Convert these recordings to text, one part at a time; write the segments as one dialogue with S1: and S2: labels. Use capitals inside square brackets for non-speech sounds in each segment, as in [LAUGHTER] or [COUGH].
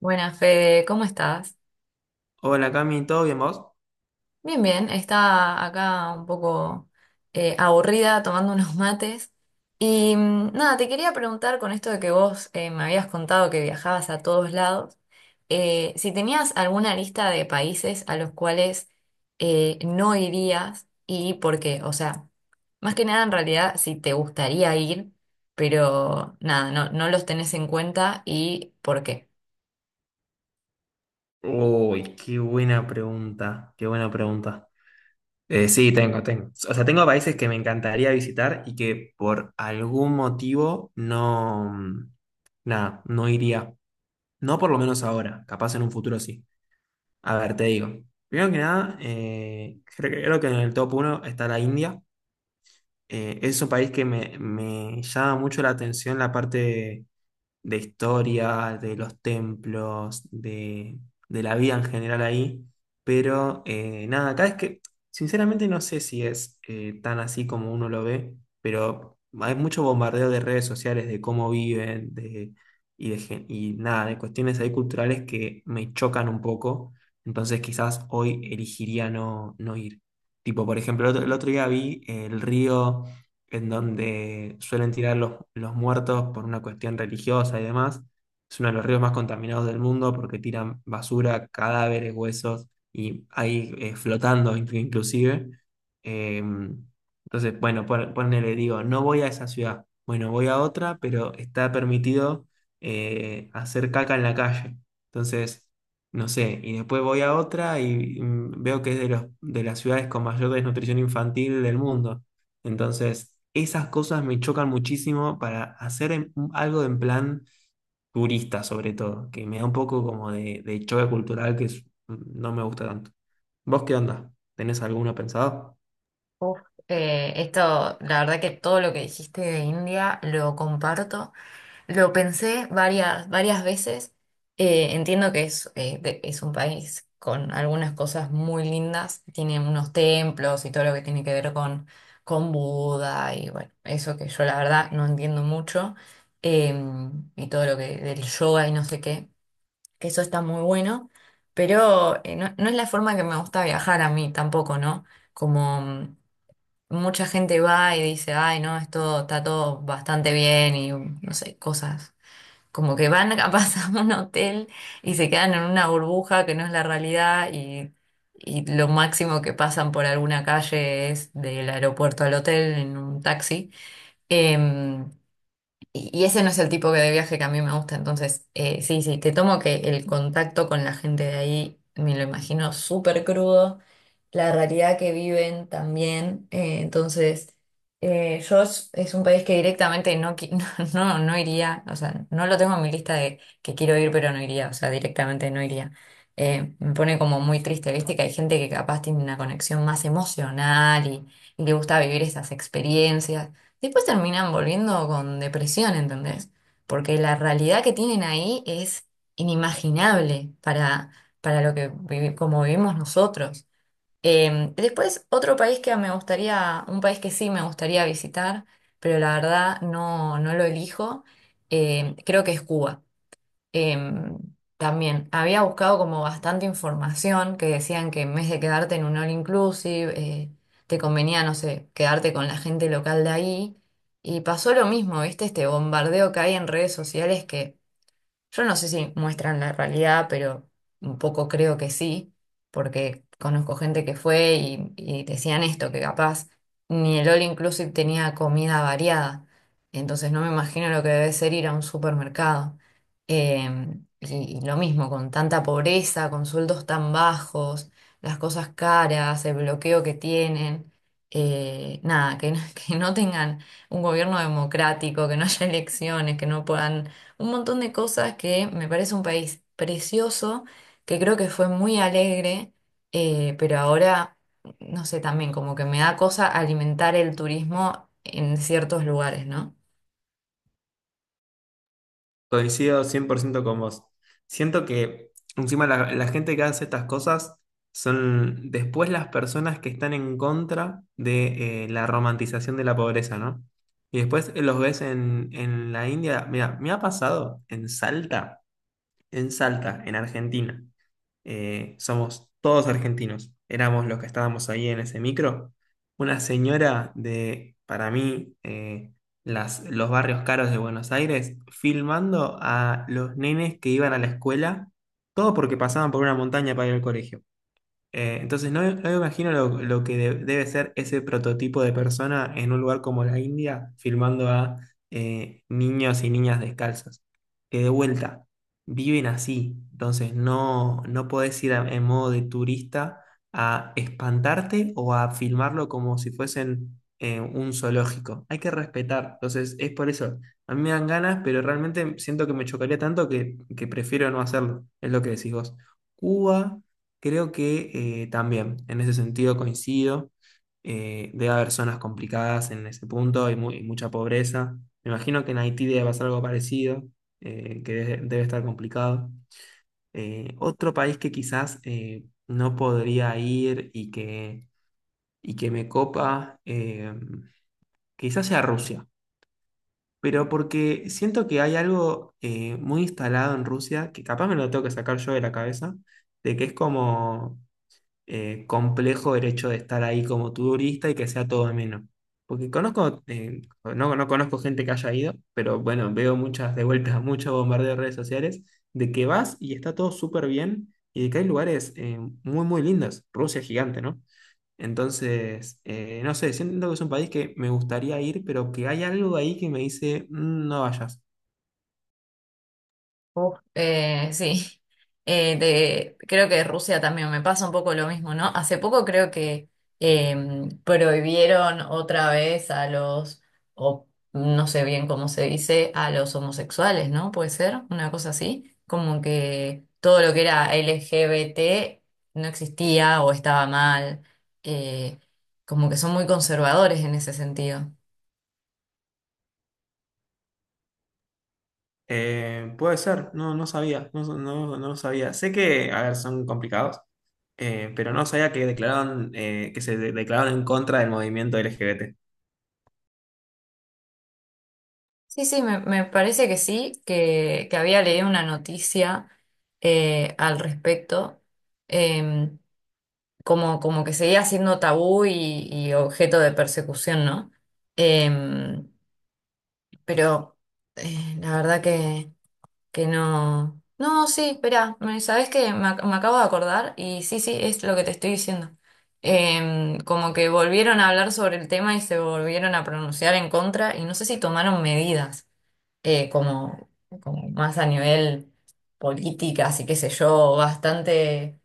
S1: Buenas, Fede, ¿cómo estás?
S2: Hola Cami, ¿todo bien vos?
S1: Bien, bien, estaba acá un poco aburrida tomando [LAUGHS] unos mates. Y nada, te quería preguntar con esto de que vos me habías contado que viajabas a todos lados, si tenías alguna lista de países a los cuales no irías y por qué. O sea, más que nada en realidad si te gustaría ir, pero nada, no los tenés en cuenta y por qué.
S2: Uy, qué buena pregunta, qué buena pregunta. Sí, tengo. O sea, tengo países que me encantaría visitar y que por algún motivo no, nada, no iría. No por lo menos ahora, capaz en un futuro sí. A ver, te digo. Primero que nada, creo que en el top uno está la India. Es un país que me llama mucho la atención la parte de historia, de los templos, de la vida en general ahí. Pero nada, acá es que sinceramente no sé si es tan así como uno lo ve, pero hay mucho bombardeo de redes sociales de cómo viven, de, y, de, gen- y nada, de cuestiones ahí culturales que me chocan un poco. Entonces quizás hoy elegiría no, no ir. Tipo, por ejemplo, el otro día vi el río en donde suelen tirar los muertos por una cuestión religiosa y demás. Es uno de los ríos más contaminados del mundo porque tiran basura, cadáveres, huesos y ahí flotando inclusive. Entonces, bueno, ponele, digo, no voy a esa ciudad, bueno, voy a otra, pero está permitido hacer caca en la calle. Entonces, no sé, y después voy a otra y veo que es de de las ciudades con mayor desnutrición infantil del mundo. Entonces, esas cosas me chocan muchísimo para hacer algo en plan turista, sobre todo, que me da un poco como de choque cultural no me gusta tanto. ¿Vos qué onda? ¿Tenés alguno pensado?
S1: Uf, esto, la verdad que todo lo que dijiste de India lo comparto. Lo pensé varias veces. Entiendo que es, es un país con algunas cosas muy lindas. Tiene unos templos y todo lo que tiene que ver con Buda y bueno, eso que yo la verdad no entiendo mucho. Y todo lo que del yoga y no sé qué, que eso está muy bueno. Pero no, no es la forma que me gusta viajar a mí tampoco, ¿no? Como mucha gente va y dice, ay, no, esto está todo bastante bien y no sé, cosas. Como que van capaz [LAUGHS] a un hotel y se quedan en una burbuja que no es la realidad y lo máximo que pasan por alguna calle es del aeropuerto al hotel en un taxi. Em, y ese no es el tipo que de viaje que a mí me gusta, entonces sí, sí, te tomo que el contacto con la gente de ahí me lo imagino súper crudo, la realidad que viven también, entonces yo es un país que directamente no, qui- [LAUGHS] no, no, no iría, o sea, no lo tengo en mi lista de que quiero ir pero no iría, o sea, directamente no iría. Me pone como muy triste, viste que hay gente que capaz tiene una conexión más emocional y le gusta vivir esas experiencias. Después terminan volviendo con depresión, ¿entendés? Porque la realidad que tienen ahí es inimaginable para lo que como vivimos nosotros. Después, otro país que me gustaría, un país que sí me gustaría visitar, pero la verdad no, no lo elijo, creo que es Cuba. Em, también había buscado como bastante información que decían que en vez de quedarte en un all inclusive, te convenía, no sé, quedarte con la gente local de ahí. Y pasó lo mismo, ¿viste? Este bombardeo que hay en redes sociales que yo no sé si muestran la realidad, pero un poco creo que sí, porque conozco gente que fue y decían esto, que capaz ni el All Inclusive tenía comida variada. Entonces no me imagino lo que debe ser ir a un supermercado. Eh, y lo mismo, con tanta pobreza, con sueldos tan bajos, las cosas caras, el bloqueo que tienen. Eh, nada, que, no- [LAUGHS] que no tengan un gobierno democrático, que no haya elecciones, que no puedan un montón de cosas que me parece un país precioso, que creo que fue muy alegre, pero ahora, no sé, también como que me da cosa alimentar el turismo en ciertos lugares, ¿no?
S2: Coincido 100% con vos. Siento que encima la gente que hace estas cosas son después las personas que están en contra de la romantización de la pobreza, ¿no? Y después los ves en la India. Mira, me ha pasado en Salta en Salta, en Argentina. Somos todos argentinos. Éramos los que estábamos ahí en ese micro. Una señora de, para mí, los barrios caros de Buenos Aires, filmando a los nenes que iban a la escuela, todo porque pasaban por una montaña para ir al colegio. Entonces, no, no me imagino lo que debe ser ese prototipo de persona en un lugar como la India, filmando a niños y niñas descalzos, que de vuelta viven así. Entonces, no, no podés ir en modo de turista a espantarte o a filmarlo como si fuesen un zoológico. Hay que respetar. Entonces, es por eso. A mí me dan ganas, pero realmente siento que me chocaría tanto que prefiero no hacerlo. Es lo que decís vos. Cuba. Creo que también, en ese sentido coincido. Debe haber zonas complicadas en ese punto, hay, mucha pobreza. Me imagino que en Haití debe pasar algo parecido, debe estar complicado. Otro país que quizás no podría ir y que me copa, quizás sea Rusia, pero porque siento que hay algo muy instalado en Rusia, que capaz me lo tengo que sacar yo de la cabeza, de que es como complejo el hecho de estar ahí como turista y que sea todo ameno. Porque conozco, no conozco gente que haya ido, pero bueno, veo muchas de vueltas, [LAUGHS] mucho bombardeo de redes sociales, de que vas y está todo súper bien y de que hay lugares muy lindos. Rusia es gigante, ¿no? Entonces, no sé, siento que es un país que me gustaría ir, pero que hay algo ahí que me dice, "Mm, no vayas."
S1: Uf, sí, [LAUGHS] creo que Rusia también me pasa un poco lo mismo, ¿no? Hace poco creo que eh, prohibieron otra vez a los, o no sé bien cómo se dice, a los homosexuales, ¿no? Puede ser una cosa así, como que todo lo que era LGBT no existía o estaba mal. Eh, como que son muy conservadores en ese sentido.
S2: Puede ser, no, no sabía, no sabía. Sé que, a ver, son complicados, pero no sabía que declararon, que se declararon en contra del movimiento LGBT.
S1: Sí, sí, me parece que sí, que había leído una noticia al respecto. em, Como, como que seguía siendo tabú y objeto de persecución, ¿no? Em, pero la verdad que no... No, sí, espera, ¿sabes qué? Me acabo de acordar y sí, sí, es lo que te estoy diciendo. Em, como que volvieron a hablar sobre el tema y se volvieron a pronunciar en contra y no sé si tomaron medidas como, como más a nivel política, así que sé yo, bastante,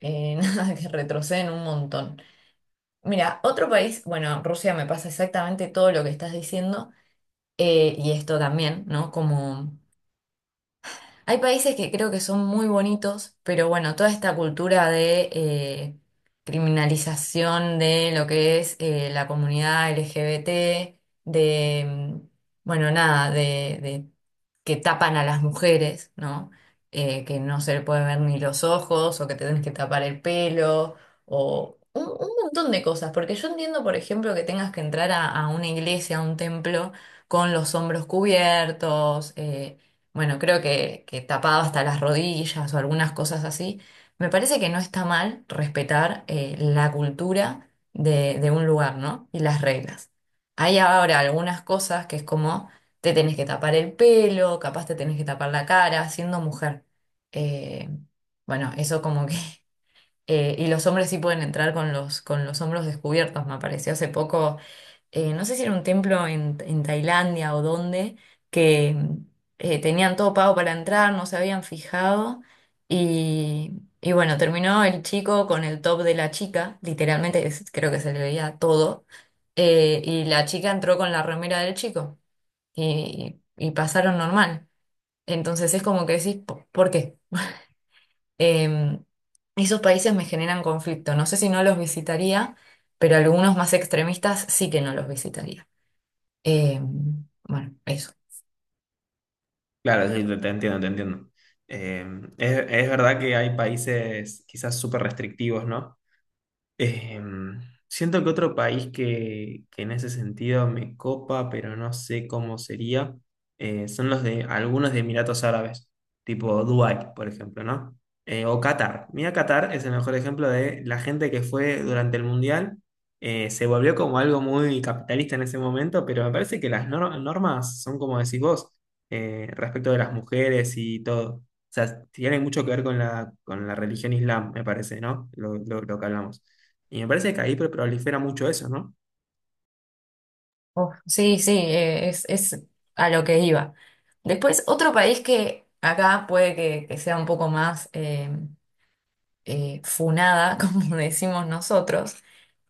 S1: [LAUGHS] nada, que retroceden un montón. Mira, otro país, bueno, Rusia me pasa exactamente todo lo que estás diciendo, y esto también, ¿no? Como hay países que creo que son muy bonitos, pero bueno, toda esta cultura de criminalización de lo que es la comunidad LGBT, de, bueno, nada, de que tapan a las mujeres, ¿no? Que no se le puede ver ni los ojos, o que te tenés que tapar el pelo, o un montón de cosas. Porque yo entiendo, por ejemplo, que tengas que entrar a una iglesia, a un templo, con los hombros cubiertos. Eh, bueno, creo que tapado hasta las rodillas o algunas cosas así. Me parece que no está mal respetar la cultura de un lugar, ¿no? Y las reglas. Hay ahora algunas cosas que es como te tenés que tapar el pelo, capaz te tenés que tapar la cara, siendo mujer. Eh, bueno, eso como que [LAUGHS] y los hombres sí pueden entrar con los hombros descubiertos, me apareció hace poco, no sé si era un templo en Tailandia o dónde, que tenían todo pago para entrar, no se habían fijado, y bueno, terminó el chico con el top de la chica, literalmente creo que se le veía todo, y la chica entró con la remera del chico, y pasaron normal. Entonces es como que decís, ¿por qué? Em, esos países me generan conflicto. No sé si no los visitaría, pero algunos más extremistas sí que no los visitaría. Em, bueno, eso.
S2: Claro, sí, te entiendo, te entiendo. Eh, es verdad que hay países quizás súper restrictivos, ¿no? Em, siento que otro país que en ese sentido me copa, pero no sé cómo sería, son los de algunos de Emiratos Árabes, tipo Dubái, por ejemplo, ¿no? O Qatar. Mira, Qatar es el mejor ejemplo de la gente que fue durante el Mundial. Se volvió como algo muy capitalista en ese momento, pero me parece que las normas son como decís vos, respecto de las mujeres y todo. O sea, tiene mucho que ver con con la religión islam, me parece, ¿no? Lo que hablamos. Y me parece que ahí prolifera mucho eso, ¿no?
S1: Uf, sí, sí, es a lo que iba. Después, otro país que acá puede que sea un poco más funada, [LAUGHS] como decimos nosotros,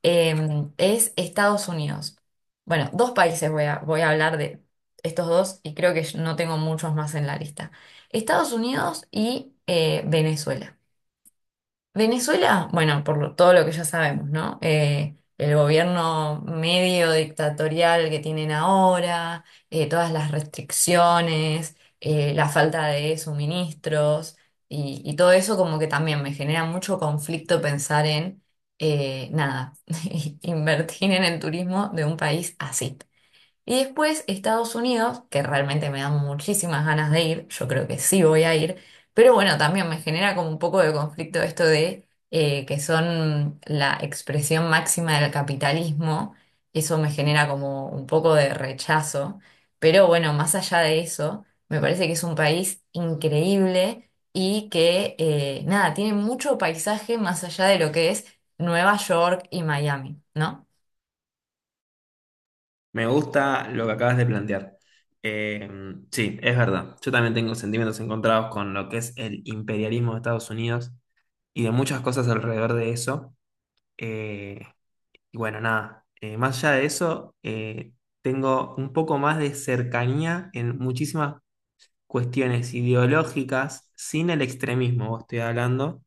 S1: em, es Estados Unidos. Bueno, dos países voy a hablar de estos dos y creo que no tengo muchos más en la lista. Estados Unidos y Venezuela. Venezuela, bueno, todo lo que ya sabemos, ¿no? El gobierno medio dictatorial que tienen ahora, todas las restricciones, la falta de suministros y todo eso como que también me genera mucho conflicto pensar en, nada, [LAUGHS] invertir en el turismo de un país así. Y después Estados Unidos, que realmente me dan muchísimas ganas de ir, yo creo que sí voy a ir, pero bueno, también me genera como un poco de conflicto esto de que son la expresión máxima del capitalismo, eso me genera como un poco de rechazo, pero bueno, más allá de eso, me parece que es un país increíble y que nada, tiene mucho paisaje más allá de lo que es Nueva York y Miami, ¿no?
S2: Me gusta lo que acabas de plantear. Eh, sí, es verdad. Yo también tengo sentimientos encontrados con lo que es el imperialismo de Estados Unidos y de muchas cosas alrededor de eso. Eh, y bueno, nada, Más allá de eso, tengo un poco más de cercanía en muchísimas cuestiones ideológicas, sin el extremismo, vos estoy hablando,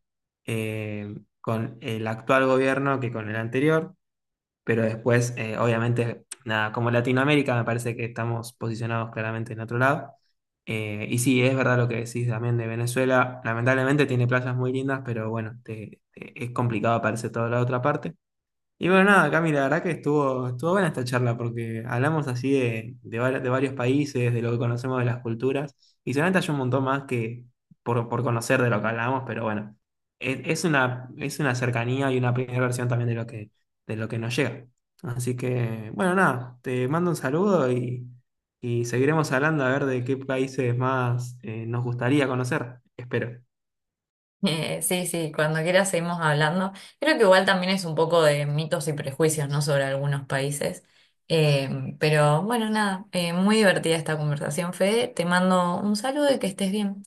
S2: eh, con el actual gobierno que con el anterior. Pero después, obviamente, nada, como Latinoamérica me parece que estamos posicionados claramente en otro lado. Y sí, es verdad lo que decís también de Venezuela. Lamentablemente tiene playas muy lindas, pero bueno, es complicado aparecer toda la otra parte. Y bueno, nada, Cami, la verdad que estuvo buena esta charla porque hablamos así de varios países, de lo que conocemos de las culturas, y seguramente hay un montón más que por conocer de lo que hablamos, pero bueno, es una cercanía y una primera versión también de de lo que nos llega. Así que, bueno, nada, te mando un saludo y seguiremos hablando a ver de qué países más nos gustaría conocer, espero.
S1: Sí, sí, cuando quieras seguimos hablando. Creo que igual también es un poco de mitos y prejuicios, ¿no? Sobre algunos países. Eh, pero bueno, nada, muy divertida esta conversación, Fede. Te mando un saludo y que estés bien.